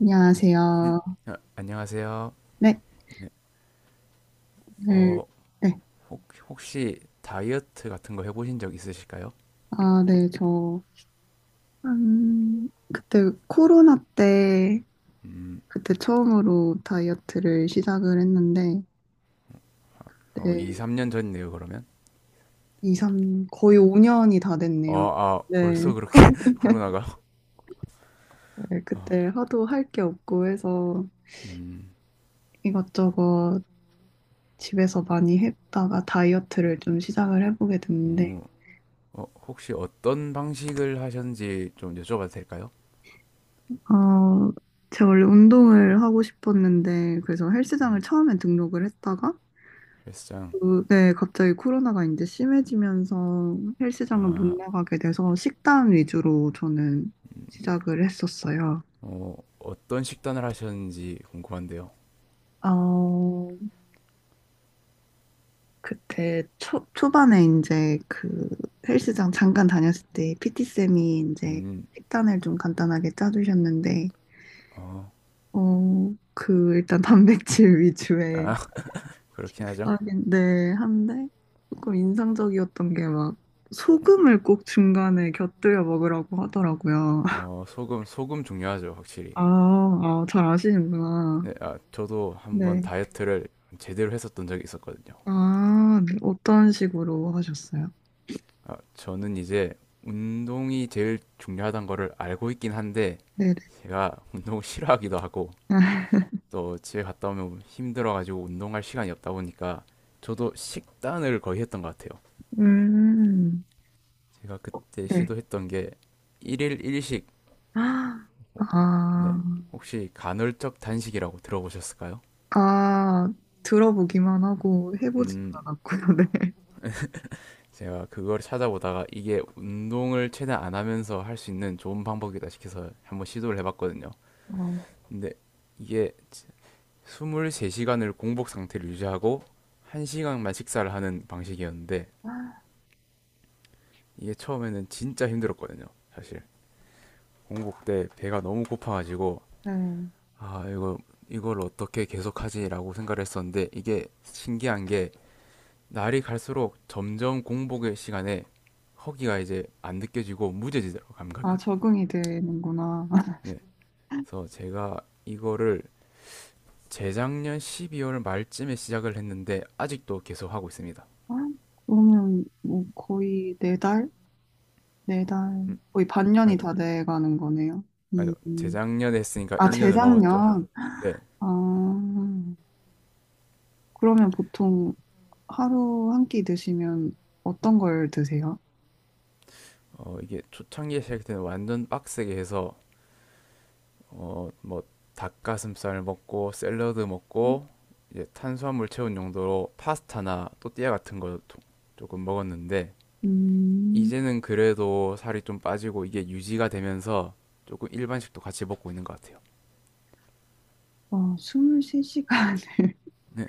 안녕하세요. 아, 안녕하세요. 네, 네, 어, 네. 혹, 혹시 다이어트 같은 거 해보신 적 있으실까요? 아, 네, 저, 한, 그때 코로나 때, 그때 처음으로 다이어트를 시작을 했는데, 2, 네, 3년 전이네요, 그러면. 이 삼 거의 5년이 다 됐네요. 아, 네, 벌써 그렇게 코로나가? 네, 어, 그때 하도 할 게 없고 해서 음, 이것저것 집에서 많이 했다가 다이어트를 좀 시작을 해보게 됐는데, 음, 어, 혹시 어떤 방식을 하셨는지 좀 여쭤봐도 될까요? 어, 제가 원래 운동을 하고 싶었는데, 그래서 헬스장을 음, 처음에 등록을 했다가, 헬스장. 그, 네, 갑자기 코로나가 이제 심해지면서 헬스장을 못 아, 나가게 돼서 식단 위주로 저는 시작을 했었어요. 어떤 식단을 하셨는지 궁금한데요. 어, 그때 초반에 이제 그 헬스장 잠깐 다녔을 때 PT쌤이 이제 음, 식단을 좀 간단하게 짜주셨는데, 어, 그 일단 단백질 위주의 아, 그렇긴 하죠. 식사인데 한데 조금 인상적이었던 게 막 소금을 꼭 중간에 곁들여 먹으라고 하더라고요. 소금, 소금 중요하죠, 확실히. 아, 아, 잘 아시는구나. 네, 아, 저도 한번 네. 다이어트를 제대로 했었던 적이 있었거든요. 아, 네. 어떤 식으로 하셨어요? 아, 저는 이제 운동이 제일 중요하다는 거를 알고 있긴 한데 네네. 제가 운동을 싫어하기도 하고 또 집에 갔다 오면 힘들어가지고 운동할 시간이 없다 보니까 저도 식단을 거의 했던 것 같아요. 음, 제가 그때 네. 시도했던 게 일일 일식, 아, 네. 혹시 간헐적 단식이라고 들어보셨을까요? 아, 들어보기만 하고 해보지는 음, 않았고요, 네. 제가 그걸 찾아보다가 이게 운동을 최대한 안 하면서 할 수 있는 좋은 방법이다 싶어서 한번 시도를 해봤거든요. 어, 근데 이게 23시간을 공복 상태를 유지하고 1시간만 식사를 하는 방식이었는데 이게 처음에는 진짜 힘들었거든요. 사실 공복 때 배가 너무 고파가지고 네. 아 이거 이걸 어떻게 계속하지라고 생각을 했었는데 이게 신기한 게 날이 갈수록 점점 공복의 시간에 허기가 이제 안 느껴지고 무뎌지더라고 아, 감각이. 적응이 되는구나. 네. 그래서 제가 이거를 재작년 12월 말쯤에 시작을 했는데 아직도 계속 하고 있습니다. 아, 그러면 뭐 거의 네 달? 네 달? 거의 반년이 다 돼가는 거네요. 아니 음. 재작년에 했으니까 아, 1년을 넘었죠. 재작년? 네. 아, 그러면 보통 하루 한 끼 드시면 어떤 걸 드세요? 이게 초창기에 시작할 때는 완전 빡세게 해서 뭐 닭가슴살 먹고 샐러드 먹고 이제 탄수화물 채운 용도로 파스타나 또띠아 같은 거 조금 먹었는데 음, 이제는 그래도 살이 좀 빠지고 이게 유지가 되면서 조금 일반식도 같이 먹고 있는 것 같아요. 와, 23시간을. 네.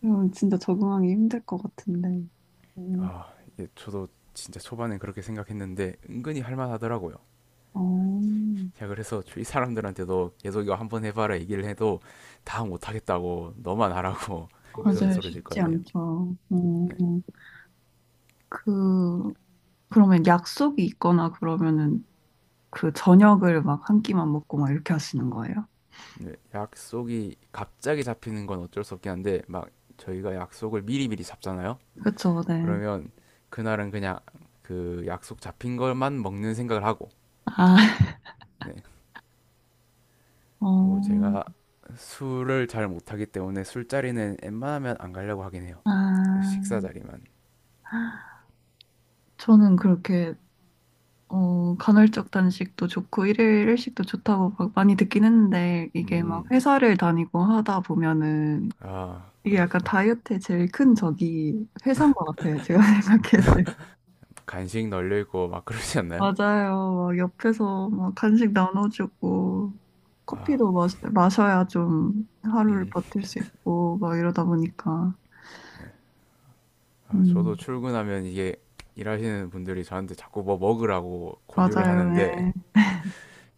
그럼 진짜 적응하기 힘들 것 같은데. 음, 이게 저도 진짜 초반엔 그렇게 생각했는데 은근히 할만하더라고요. 어, 야, 그래서 이 사람들한테도 계속 이거 한번 해봐라 얘기를 해도 다 못하겠다고 너만 하라고 그런 맞아요. 소리 쉽지 듣거든요. 않죠. 어, 그, 그러면 약속이 있거나 그러면은 그 저녁을 막 한 끼만 먹고 막 이렇게 하시는 거예요? 네, 약속이 갑자기 잡히는 건 어쩔 수 없긴 한데 막 저희가 약속을 미리미리 잡잖아요. 그쵸, 네. 그러면 그날은 그냥 그 약속 잡힌 것만 먹는 생각을 하고 아, 네. 그리고 어, 제가 술을 잘 못하기 때문에 술자리는 웬만하면 안 가려고 하긴 해요. 아, 식사 자리만. 저는 그렇게 간헐적 단식도 좋고 일일 일식도 좋다고 막 많이 듣긴 했는데 이게 막 음. 회사를 다니고 하다 보면은 아, 이게 약간 그렇죠. 다이어트의 제일 큰 적이 회사인 것 같아요. 제가 생각했을 때. 간식 널려 있고 막 그러지 않나요? 맞아요. 막 옆에서 막 간식 나눠주고 커피도 마셔, 마셔야 좀 하루를 음. 버틸 수 있고 막 이러다 보니까 아, 저도 음, 출근하면 이게 일하시는 분들이 저한테 자꾸 뭐 먹으라고 권유를 맞아요. 네. 하는데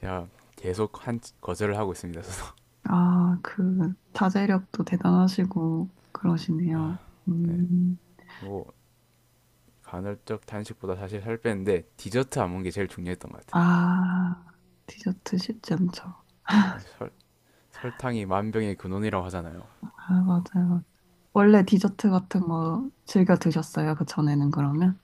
제가 계속 한 거절을 하고 있습니다. 저도 아, 그 자제력도 대단하시고 그러시네요. 음. 뭐 간헐적 단식보다 사실 살 빼는데 디저트 안 먹는 게 제일 중요했던 것 같아요. 아, 디저트 쉽지 않죠. 네, 설탕이 만병의 근원이라고 하잖아요. 아, 맞아요. 원래 디저트 같은 거 즐겨 드셨어요? 그 전에는 그러면?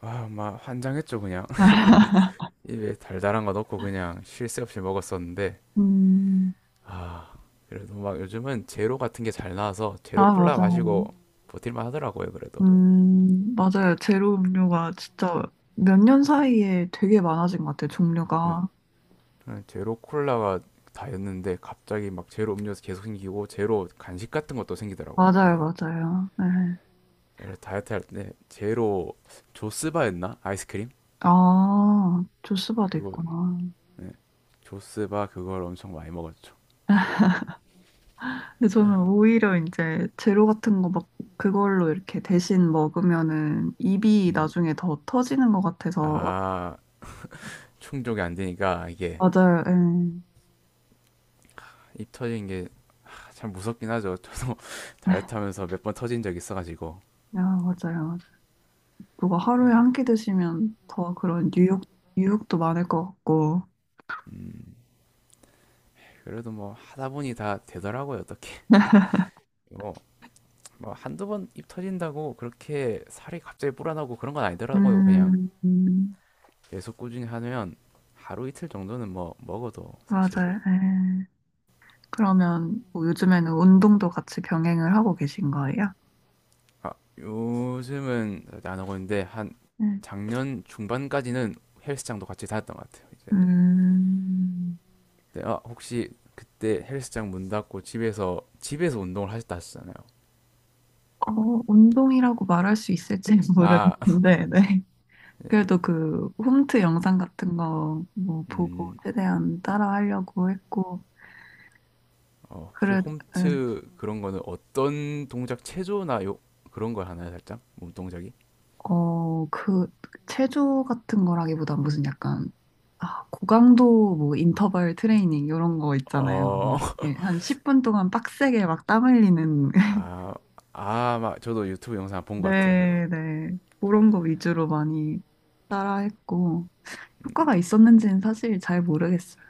아, 막 환장했죠 그냥 입에 달달한 거 넣고 그냥 쉴 새 없이 먹었었는데 음, 아 그래도 막 요즘은 제로 같은 게 잘 나와서 제로 아, 콜라 맞아요. 마시고 버틸만 하더라고요 그래도. 맞아요. 제로 음료가 진짜 몇 년 사이에 되게 많아진 것 같아요, 네, 종류가. 네, 제로 콜라가 다였는데 갑자기 막 제로 음료수 계속 생기고 제로 간식 같은 것도 생기더라고요. 맞아요, 이제 맞아요. 네. 그래서 다이어트 할 때 제로 조스바였나 아이스크림 아, 조스바도 그거 있구나. 조스바 그걸 엄청 많이 먹었죠. 근데 저는 오히려 이제 제로 같은 거 막 그걸로 이렇게 대신 먹으면은 입이 음. 나중에 더 터지는 것 같아서 아 충족이 안 되니까 이게 맞아요. 예. 입 터진 게 아, 참 무섭긴 하죠. 저도 다이어트 하면서 몇 번 터진 적 있어가지고. 야, 맞아요. 맞아요. 누가 하루에 한 끼 드시면 더 그런 유혹, 유혹도 많을 것 같고. 음, 그래도 뭐 하다 보니 다 되더라고요, 어떻게. 뭐 한두 번 입 터진다고 그렇게 살이 갑자기 불어나고 그런 건 아니더라고요. 그냥 음, 음, 계속 꾸준히 하면 하루 이틀 정도는 뭐 먹어도 사실. 맞아요. 예. 그러면 뭐 요즘에는 운동도 같이 병행을 하고 계신 거예요? 아, 요즘은 안 하고 있는데 한 네. 작년 중반까지는 헬스장도 같이 다녔던 것 같아요. 이제. 음, 근데 아, 혹시 그때 헬스장 문 닫고 집에서 운동을 하셨다 하셨잖아요. 어, 운동이라고 말할 수 있을지 아, 모르겠는데, 네. 그래도 그 홈트 영상 같은 거 뭐 보고 음, 최대한 따라 하려고 했고, 혹시 그래, 예. 홈트 그런 거는 어떤 동작 체조나 요 그런 걸 하나요, 살짝? 몸 동작이? 어, 그, 체조 같은 거라기보단 무슨 약간, 아, 고강도 뭐 인터벌 트레이닝 이런 거 있잖아요. 어, 막, 예, 한 10분 동안 빡세게 막 땀 흘리는. 아, 막 저도 유튜브 영상 본 것 같아요, 그거. 네, 네. 그런 거 위주로 많이 따라 했고, 효과가 있었는지는 사실 잘 모르겠어요.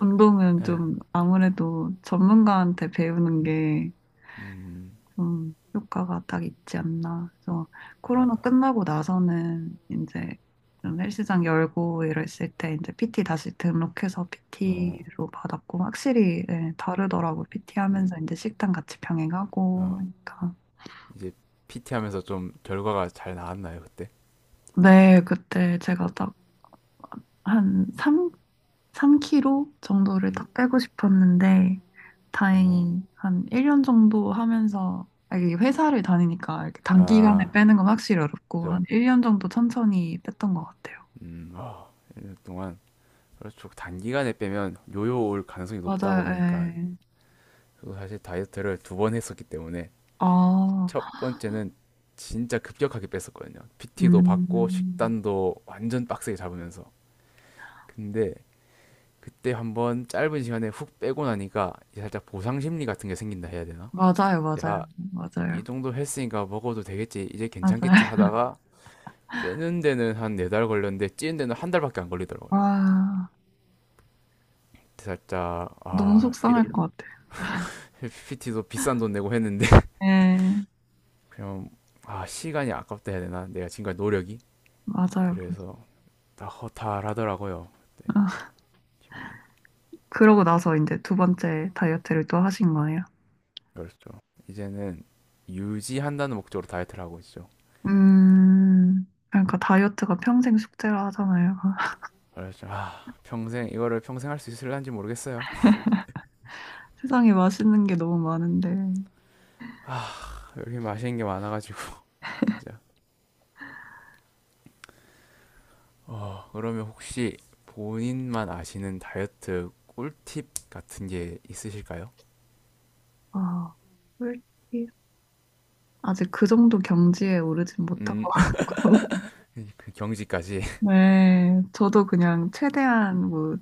운동은 예. 좀 아무래도 전문가한테 배우는 게 음, 좀 효과가 딱 있지 않나. 그래서 코로나 아, 끝나고 나서는 이제 좀 헬스장 열고 이랬을 때 이제 PT 다시 등록해서 어, PT로 받았고 확실히 예, 다르더라고. PT 하면서 이제 식단 같이 병행하고 어, 하니까. 이제 PT 하면서 좀 결과가 잘 나왔나요, 그때? 네, 그때 제가 딱 한 3kg 정도를 음, 딱 빼고 싶었는데, 어, 다행히 한 1년 정도 하면서, 아, 이게 회사를 다니니까 이렇게 단기간에 아, 빼는 건 확실히 어렵고, 저, 한 1년 정도 천천히 뺐던 것 같아요. 1년 동안. 그렇죠. 그 단기간에 빼면 요요 올 가능성이 높다고 맞아요, 하니까. 예. 저도 사실 다이어트를 두 번 했었기 때문에 아, 첫 번째는 진짜 급격하게 뺐었거든요. PT도 받고 음, 식단도 완전 빡세게 잡으면서. 근데 그때 한번 짧은 시간에 훅 빼고 나니까 이제 살짝 보상 심리 같은 게 생긴다 해야 되나? 맞아요, 이제 맞아요, 아, 맞아요. 이 정도 했으니까 먹어도 되겠지, 이제 괜찮겠지 하다가 빼는 데는 한 4달 걸렸는데 찌는 데는 한 달밖에 안 걸리더라고요. 아, 살짝 너무 아, 이런 속상할 것 같아요. PT도 비싼 돈 내고 했는데 예, 그냥 아, 시간이 아깝다 해야 되나? 내가 지금까지 노력이 맞아요. 그래서 다 허탈하더라고요. 기분이 그러고 나서 이제 두 번째 다이어트를 또 하신 거예요? 그렇죠. 이제는 유지한다는 목적으로 다이어트를 하고 있죠. 그러니까 다이어트가 평생 숙제라 하잖아요. 그래서 아 평생 이거를 평생 할 수 있을란지 모르겠어요. 세상에 맛있는 게 너무 많은데, 여기 맛있는 게 많아가지고 진짜. 그러면 혹시 본인만 아시는 다이어트 꿀팁 같은 게 있으실까요? 아, 솔직히 아직 그 정도 경지에 오르진 못한 음, 것 같고. 그 경지까지. 네, 저도 그냥 최대한 뭐,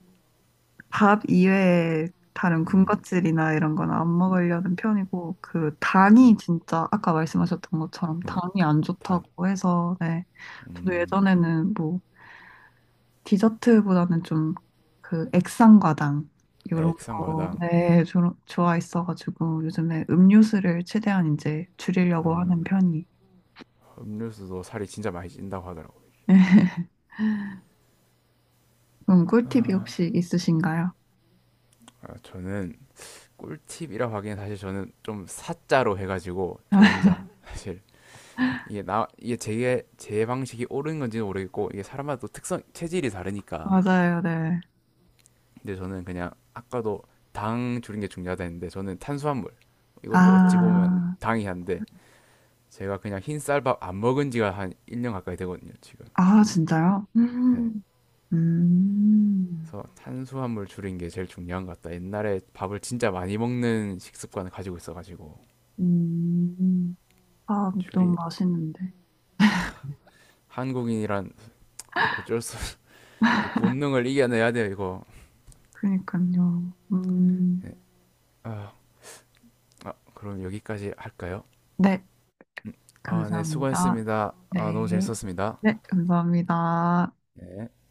밥 이외에 다른 음, 군것질이나 이런 건 안 먹으려는 편이고, 그 당이 음, 진짜 아까 말씀하셨던 것처럼 네, 당이 안 당, 좋다고 해서, 네. 저도 음, 예전에는 뭐, 디저트보다는 좀 그 액상과당 네, 요런 거 액상과당, 네, 좋아했어가지고 요즘에 음료수를 최대한 이제 줄이려고 하는 편이. 음료수도 살이 진짜 많이 찐다고 하더라고요. 그럼 꿀팁이 혹시 있으신가요? 아, 저는 꿀팁이라고 하기엔 사실 저는 좀 사자로 해가지고 저 혼자 사실 이게 제 방식이 옳은 건지는 모르겠고 이게 사람마다 또 특성 체질이 다르니까 맞아요, 네. 근데 저는 그냥 아까도 당 줄인 게 중요하다 했는데 저는 탄수화물 이것도 어찌 보면 아, 당이 한데 제가 그냥 흰쌀밥 안 먹은 지가 한 1년 가까이 되거든요 지금 아, 진짜요? 네. 음, 그래서 탄수화물 줄인 게 제일 중요한 것 같다 옛날에 밥을 진짜 많이 먹는 식습관을 가지고 있어가지고 음. 아, 너무 줄인 맛있는데. 한국인이란 어쩔 수 없이 이 본능을 이겨내야 돼요 이거 그니까요. 아, 아 그럼 여기까지 할까요? 네, 음. 아, 네, 감사합니다. 수고했습니다. 아, 너무 네, 재밌었습니다. 네, 감사합니다. 네.